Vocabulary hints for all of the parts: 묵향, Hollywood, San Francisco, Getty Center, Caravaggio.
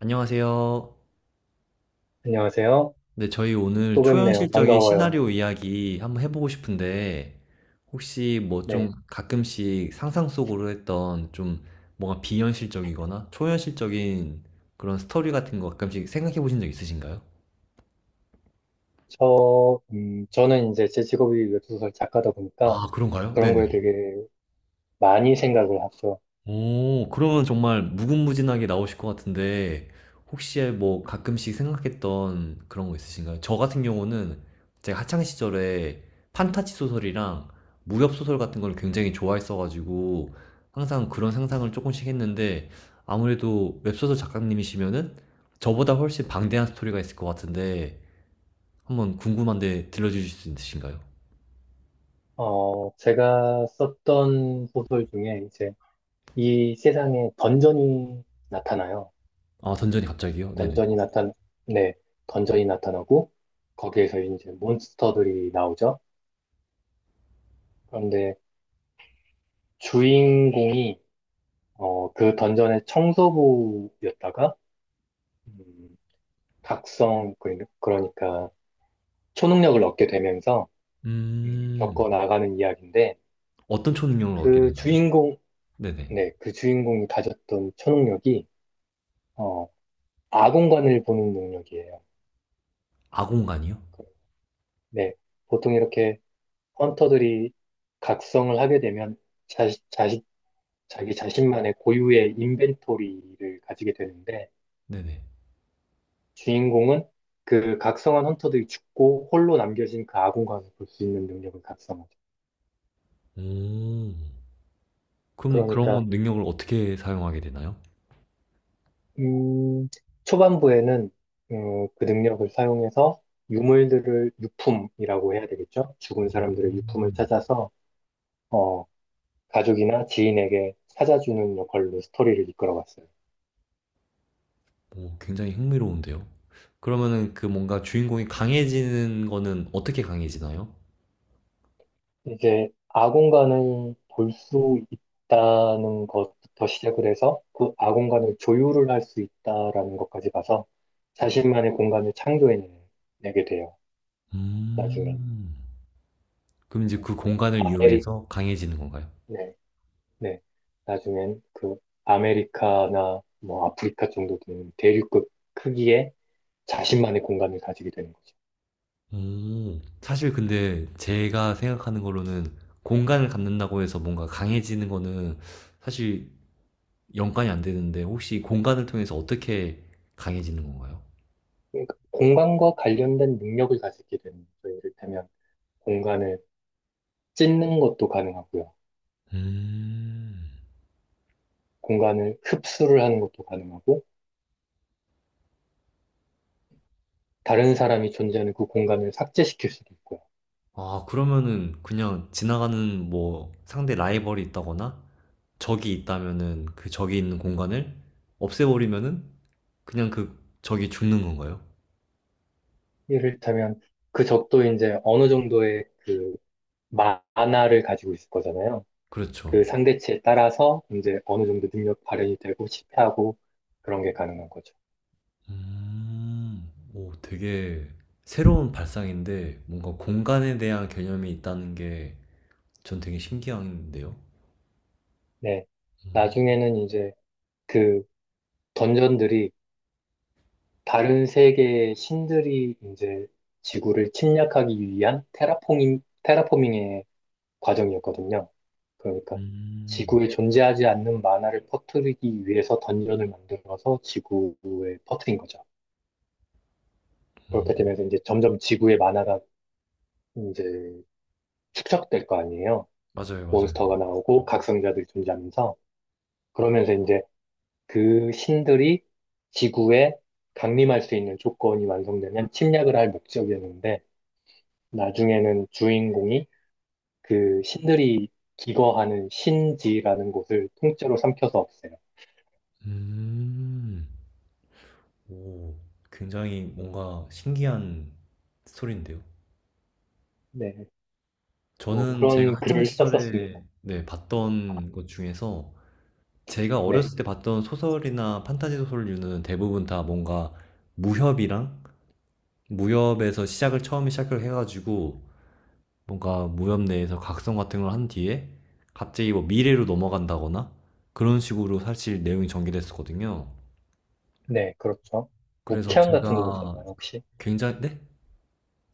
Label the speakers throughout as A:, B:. A: 안녕하세요.
B: 안녕하세요.
A: 네, 저희 오늘
B: 또 뵙네요.
A: 초현실적인
B: 반가워요.
A: 시나리오 이야기 한번 해보고 싶은데, 혹시 뭐
B: 네.
A: 좀 가끔씩 상상 속으로 했던 좀 뭔가 비현실적이거나 초현실적인 그런 스토리 같은 거 가끔씩 생각해 보신 적 있으신가요?
B: 저는 이제 제 직업이 웹소설 작가다 보니까
A: 아, 그런가요?
B: 그런
A: 네네.
B: 거에 되게 많이 생각을 하죠.
A: 오, 그러면 정말 무궁무진하게 나오실 것 같은데, 혹시 뭐 가끔씩 생각했던 그런 거 있으신가요? 저 같은 경우는 제가 학창 시절에 판타지 소설이랑 무협 소설 같은 걸 굉장히 좋아했어가지고, 항상 그런 상상을 조금씩 했는데, 아무래도 웹소설 작가님이시면은 저보다 훨씬 방대한 스토리가 있을 것 같은데, 한번 궁금한데 들려주실 수 있으신가요?
B: 제가 썼던 소설 중에 이제 이 세상에 던전이 나타나요.
A: 아, 던전이 갑자기요? 네네.
B: 던전이 나타, 네. 던전이 나타나고 거기에서 이제 몬스터들이 나오죠. 그런데 주인공이 그 던전의 청소부였다가 음, 각성, 그러니까 초능력을 얻게 되면서
A: 음,
B: 겪어 나가는 이야기인데
A: 어떤 초능력을 얻게
B: 그
A: 되나요?
B: 주인공,
A: 네네.
B: 네, 그 주인공이 가졌던 초능력이 어, 아공관을 보는 능력이에요.
A: 아공간이요?
B: 그, 네, 보통 이렇게 헌터들이 각성을 하게 되면 자식, 자식, 자기 자신만의 고유의 인벤토리를 가지게 되는데
A: 네네.
B: 주인공은 그 각성한 헌터들이 죽고 홀로 남겨진 그 아공관을 볼 수 있는 능력을 각성하죠.
A: 오. 그럼 그런
B: 그러니까
A: 건 능력을 어떻게 사용하게 되나요?
B: 음, 초반부에는 그 능력을 사용해서 유물들을 유품이라고 해야 되겠죠? 죽은 사람들의 유품을 찾아서 어, 가족이나 지인에게 찾아주는 역할로 스토리를 이끌어갔어요.
A: 오, 굉장히 흥미로운데요. 그러면은 그 뭔가 주인공이 강해지는 거는 어떻게 강해지나요?
B: 이제 아공간을 볼 수 있다는 것부터 시작을 해서 그 아공간을 조율을 할 수 있다라는 것까지 가서 자신만의 공간을 창조해내게 돼요. 나중에
A: 음. 그럼 이제 그
B: 그러니까
A: 공간을 이용해서 강해지는 건가요?
B: 네. 나중엔 그 아메리카나 뭐 아프리카 정도 되는 대륙급 크기의 자신만의 공간을 가지게 되는 거죠.
A: 오. 사실 근데 제가 생각하는 거로는 공간을 갖는다고 해서 뭔가 강해지는 거는 사실 연관이 안 되는데 혹시 공간을 통해서 어떻게 강해지는 건가요?
B: 그러니까 공간과 관련된 능력을 가지게 되는 거죠. 이를테면 공간을 찢는 것도 가능하고요.
A: 음.
B: 공간을 흡수를 하는 것도 가능하고 다른 사람이 존재하는 그 공간을 삭제시킬 수도 있고요.
A: 아, 그러면은 그냥 지나가는 뭐 상대 라이벌이 있다거나 적이 있다면은 그 적이 있는 공간을 없애버리면은 그냥 그 적이 죽는 건가요?
B: 이를테면 그 적도 이제 어느 정도의 그 만화를 가지고 있을 거잖아요.
A: 그렇죠.
B: 그 상대치에 따라서 이제 어느 정도 능력 발현이 되고 실패하고 그런 게 가능한 거죠.
A: 오, 되게 새로운 발상인데 뭔가 공간에 대한 개념이 있다는 게 전 되게 신기한데요.
B: 네. 나중에는 이제 그 던전들이 다른 세계의 신들이 이제 지구를 침략하기 위한 테라포밍의 과정이었거든요. 그러니까
A: 음,
B: 지구에 존재하지 않는 만화를 퍼뜨리기 위해서 던전을 만들어서 지구에 퍼뜨린 거죠. 그렇게
A: 음,
B: 되면서 이제 점점 지구의 만화가 이제 축적될 거 아니에요.
A: 맞아요, 맞아요.
B: 몬스터가 나오고 각성자들이 존재하면서 그러면서 이제 그 신들이 지구에 강림할 수 있는 조건이 완성되면 침략을 할 목적이었는데 나중에는 주인공이 그 신들이 기거하는 신지라는 곳을 통째로 삼켜서 없애요.
A: 음, 오, 굉장히 뭔가 신기한 스토리인데요.
B: 네, 뭐
A: 저는 제가
B: 그런
A: 학창
B: 글을 썼었습니다.
A: 시절에 네, 봤던 것 중에서 제가
B: 네,
A: 어렸을 때 봤던 소설이나 판타지 소설류는 대부분 다 뭔가 무협이랑 무협에서 시작을 처음에 시작을 해가지고 뭔가 무협 내에서 각성 같은 걸 한 뒤에 갑자기 뭐 미래로 넘어간다거나 그런 식으로 사실 내용이 전개됐었거든요.
B: 네, 그렇죠.
A: 그래서
B: 묵향 같은 거
A: 제가
B: 보셨나요, 혹시?
A: 굉장히 네?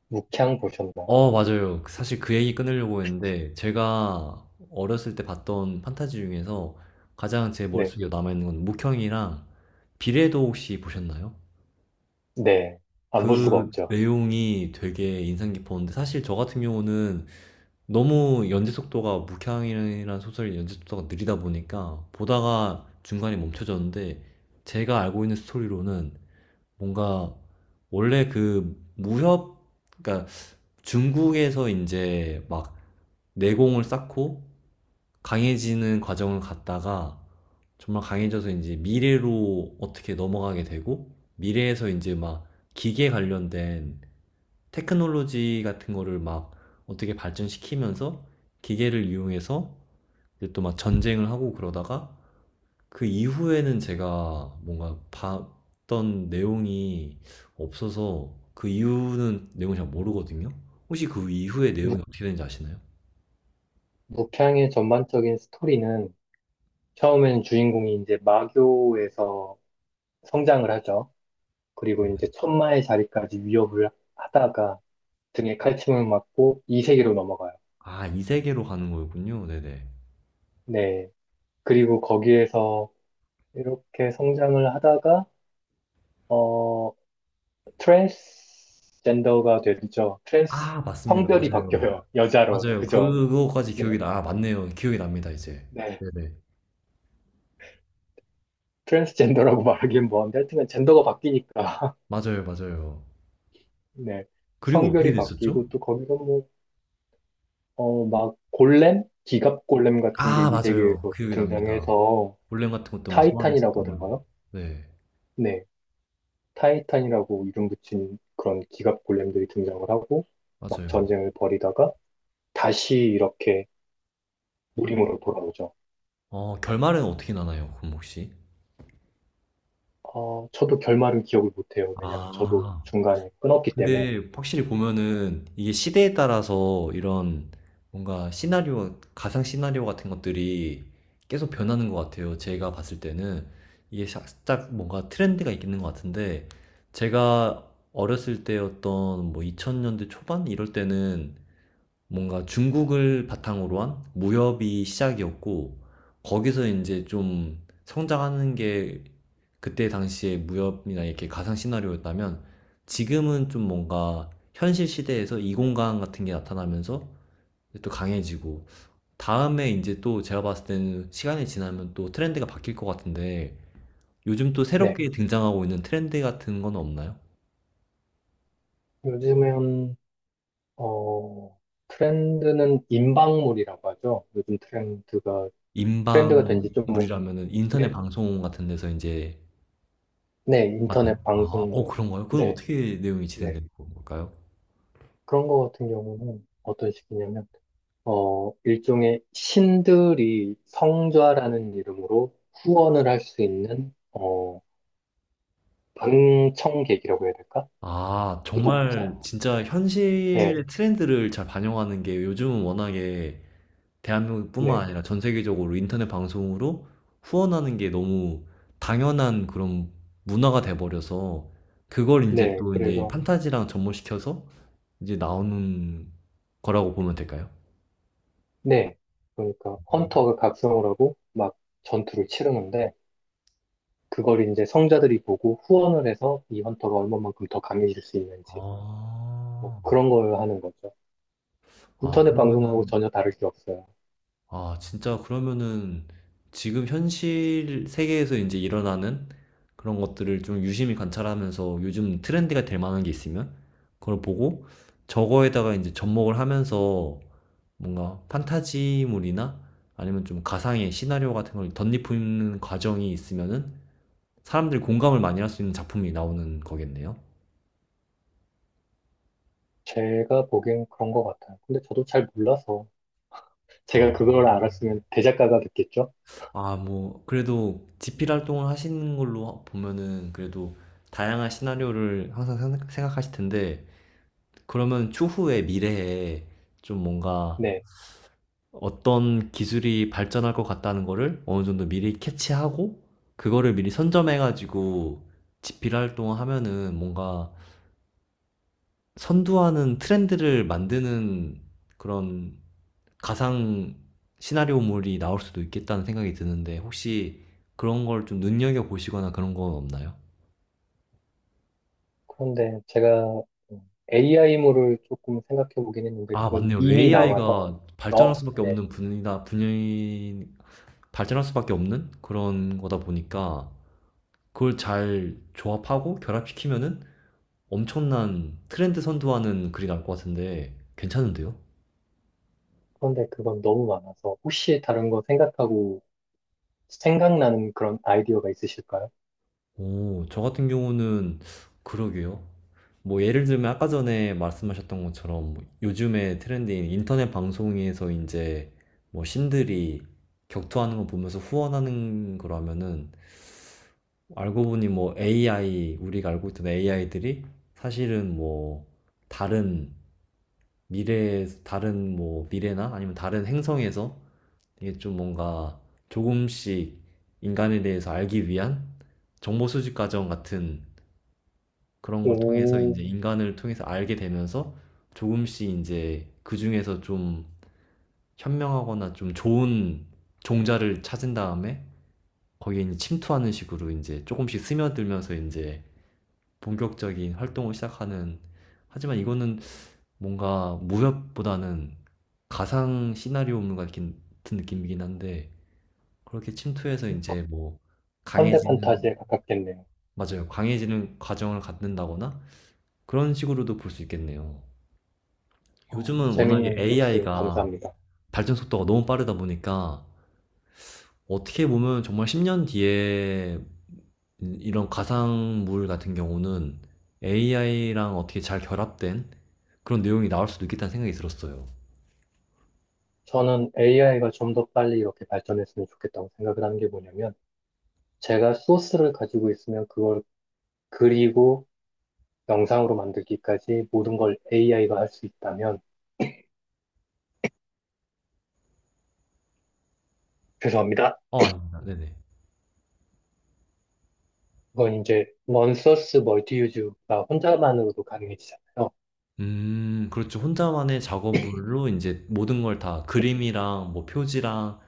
B: 묵향 보셨나요?
A: 어, 맞아요. 그 사실 그 얘기 끊으려고 했는데, 제가 어렸을 때 봤던 판타지 중에서 가장 제
B: 네.
A: 머릿속에 남아있는 건 묵형이랑 비례도 혹시 보셨나요?
B: 네. 안 볼 수가
A: 그
B: 없죠.
A: 내용이 되게 인상 깊었는데, 사실 저 같은 경우는 너무 연재 속도가, 묵향이라는 소설의 연재 속도가 느리다 보니까, 보다가 중간에 멈춰졌는데, 제가 알고 있는 스토리로는 뭔가, 원래 그 무협, 그러니까 중국에서 이제 막 내공을 쌓고 강해지는 과정을 갔다가 정말 강해져서 이제 미래로 어떻게 넘어가게 되고 미래에서 이제 막 기계 관련된 테크놀로지 같은 거를 막 어떻게 발전시키면서 기계를 이용해서 또 막 전쟁을 하고 그러다가 그 이후에는 제가 뭔가 봤던 내용이 없어서 그 이후는 내용을 잘 모르거든요. 혹시 그 이후의 내용이
B: 묵,
A: 어떻게 되는지 아시나요?
B: 묵향의 전반적인 스토리는 처음에는 주인공이 이제 마교에서 성장을 하죠. 그리고 이제 천마의 자리까지 위협을 하다가 등에 칼침을 맞고 이 세계로 넘어가요.
A: 아, 이 세계로 가는 거였군요. 네네.
B: 네. 그리고 거기에서 이렇게 성장을 하다가, 어, 트랜스젠더가 되죠. 트랜스
A: 아, 맞습니다.
B: 성별이
A: 맞아요.
B: 바뀌어요. 여자로.
A: 맞아요.
B: 그죠?
A: 그거까지 기억이
B: 네.
A: 나. 아, 맞네요. 기억이 납니다, 이제.
B: 네.
A: 네네.
B: 트랜스젠더라고 말하기엔 뭐한데 하여튼간 젠더가 바뀌니까.
A: 맞아요, 맞아요.
B: 네.
A: 그리고 어떻게
B: 성별이
A: 됐었죠?
B: 바뀌고 또 거기서 뭐, 막 골렘? 기갑 골렘 같은 게
A: 아,
B: 이
A: 맞아요.
B: 세계에서
A: 기억이 납니다.
B: 등장해서
A: 볼렘 같은 것도 막
B: 타이탄이라고
A: 소환했었던 걸로.
B: 하던가요?
A: 네,
B: 네. 타이탄이라고 이름 붙인 그런 기갑 골렘들이 등장을 하고 막
A: 맞아요.
B: 전쟁을 벌이다가 다시 이렇게 무림으로 돌아오죠.
A: 어, 결말은 어떻게 나나요, 그럼 혹시?
B: 저도 결말은 기억을 못해요. 왜냐면 저도
A: 아.
B: 중간에 끊었기 때문에.
A: 근데 확실히 보면은 이게 시대에 따라서 이런 뭔가 시나리오, 가상 시나리오 같은 것들이 계속 변하는 것 같아요. 제가 봤을 때는 이게 살짝 뭔가 트렌드가 있는 것 같은데 제가 어렸을 때였던 뭐 2000년대 초반 이럴 때는 뭔가 중국을 바탕으로 한 무협이 시작이었고, 거기서 이제 좀 성장하는 게 그때 당시의 무협이나 이렇게 가상 시나리오였다면, 지금은 좀 뭔가 현실 시대에서 이공간 같은 게 나타나면서 또 강해지고, 다음에 이제 또 제가 봤을 때는 시간이 지나면 또 트렌드가 바뀔 것 같은데, 요즘 또
B: 네.
A: 새롭게 등장하고 있는 트렌드 같은 건 없나요?
B: 요즘엔, 어, 트렌드는 인방물이라고 하죠. 요즘 트렌드가 된지 좀,
A: 인방물이라면은 인터넷
B: 네.
A: 방송 같은 데서 이제
B: 네,
A: 맞나요?
B: 인터넷
A: 아 어
B: 방송물.
A: 그런가요? 그건
B: 네,
A: 어떻게 내용이
B: 네.
A: 진행되는 걸까요?
B: 그런 거 같은 경우는 어떤 식이냐면, 일종의 신들이 성좌라는 이름으로 후원을 할 수 있는, 방청객이라고 해야 될까?
A: 아
B: 구독자?
A: 정말 진짜
B: 네,
A: 현실의 트렌드를 잘 반영하는 게 요즘은 워낙에 대한민국뿐만
B: 네.
A: 아니라 전 세계적으로 인터넷 방송으로 후원하는 게 너무 당연한 그런 문화가 돼 버려서 그걸 이제
B: 네,
A: 또 이제
B: 그래서
A: 판타지랑 접목시켜서 이제 나오는 거라고 보면 될까요?
B: 네. 그러니까 헌터가 각성을 하고 막 전투를 치르는데 그걸 이제 성자들이 보고 후원을 해서 이 헌터가 얼마만큼 더 강해질 수 있는지 뭐
A: 아.
B: 그런 걸 하는 거죠.
A: 아
B: 인터넷 방송하고
A: 그러면은
B: 전혀 다를 게 없어요.
A: 아, 진짜 그러면은 지금 현실 세계에서 이제 일어나는 그런 것들을 좀 유심히 관찰하면서 요즘 트렌드가 될 만한 게 있으면 그걸 보고 저거에다가 이제 접목을 하면서 뭔가 판타지물이나 아니면 좀 가상의 시나리오 같은 걸 덧입히는 과정이 있으면은 사람들이 공감을 많이 할 수 있는 작품이 나오는 거겠네요.
B: 제가 보기엔 그런 것 같아요. 근데 저도 잘 몰라서
A: 아,
B: 제가 그걸 알았으면 대작가가 됐겠죠?
A: 아, 뭐, 그래도 집필 활동을 하시는 걸로 보면은 그래도 다양한 시나리오를 항상 생각하실 텐데, 그러면 추후에 미래에 좀 뭔가
B: 네.
A: 어떤 기술이 발전할 것 같다는 거를 어느 정도 미리 캐치하고, 그거를 미리 선점해가지고 집필 활동을 하면은 뭔가 선두하는 트렌드를 만드는 그런 가상 시나리오물이 나올 수도 있겠다는 생각이 드는데 혹시 그런 걸 좀 눈여겨 보시거나 그런 건 없나요?
B: 그런데 제가 AI물을 조금 생각해 보긴 했는데
A: 아,
B: 그건
A: 맞네요.
B: 이미 나와서
A: AI가 발전할
B: 너,
A: 수밖에
B: 네.
A: 없는 분야, 분야인, 발전할 수밖에 없는 그런 거다 보니까 그걸 잘 조합하고 결합시키면은 엄청난 트렌드 선도하는 글이 나올 것 같은데 괜찮은데요?
B: 그런데 그건 너무 많아서 혹시 다른 거 생각하고 생각나는 그런 아이디어가 있으실까요?
A: 오, 저 같은 경우는 그러게요. 뭐 예를 들면 아까 전에 말씀하셨던 것처럼 뭐 요즘에 트렌드인 인터넷 방송에서 이제 뭐 신들이 격투하는 거 보면서 후원하는 거라면은 알고 보니 뭐 AI, 우리가 알고 있던 AI들이 사실은 뭐 다른 미래, 다른 뭐 미래나 아니면 다른 행성에서 이게 좀 뭔가 조금씩 인간에 대해서 알기 위한 정보 수집 과정 같은 그런 걸 통해서
B: 오,
A: 인제 인간을 통해서 알게 되면서 조금씩 이제 그중에서 좀 현명하거나 좀 좋은 종자를 찾은 다음에 거기에 제 침투하는 식으로 이제 조금씩 스며들면서 이제 본격적인 활동을 시작하는 하지만 이거는 뭔가 무협보다는 가상 시나리오물 같은 느낌이긴 한데 그렇게 침투해서 이제 뭐
B: 현대
A: 강해지는
B: 판타지에 가깝겠네요.
A: 맞아요. 강해지는 과정을 갖는다거나 그런 식으로도 볼 수 있겠네요. 요즘은 워낙에
B: 재밌는 소스
A: AI가
B: 감사합니다.
A: 발전 속도가 너무 빠르다 보니까 어떻게 보면 정말 10년 뒤에 이런 가상물 같은 경우는 AI랑 어떻게 잘 결합된 그런 내용이 나올 수도 있겠다는 생각이 들었어요.
B: 저는 AI가 좀 더 빨리 이렇게 발전했으면 좋겠다고 생각을 하는 게 뭐냐면, 제가 소스를 가지고 있으면 그걸 그리고 영상으로 만들기까지 모든 걸 AI가 할 수 있다면, 죄송합니다.
A: 어, 아닙니다. 네네.
B: 그건 이제 원소스 멀티유즈가 혼자만으로도 가능해지잖아요.
A: 그렇죠. 혼자만의 작업물로 이제 모든 걸 다 그림이랑 뭐 표지랑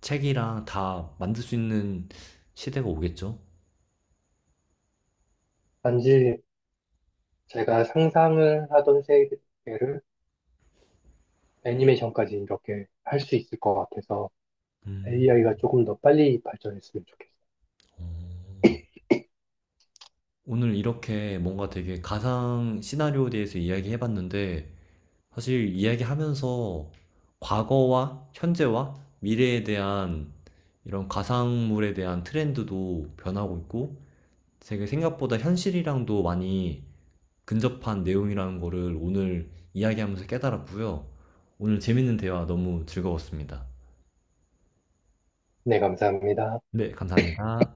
A: 책이랑 다 만들 수 있는 시대가 오겠죠.
B: 단지 제가 상상을 하던 세계를 애니메이션까지 이렇게 할 수 있을 것 같아서
A: 음,
B: AI가 조금 더 빨리 발전했으면 좋겠어요.
A: 어. 오늘 이렇게 뭔가 되게 가상 시나리오에 대해서 이야기해봤는데, 사실 이야기하면서 과거와 현재와 미래에 대한 이런 가상물에 대한 트렌드도 변하고 있고, 되게 생각보다 현실이랑도 많이 근접한 내용이라는 거를 오늘 이야기하면서 깨달았고요. 오늘 재밌는 대화 너무 즐거웠습니다.
B: 네, 감사합니다.
A: 네, 감사합니다.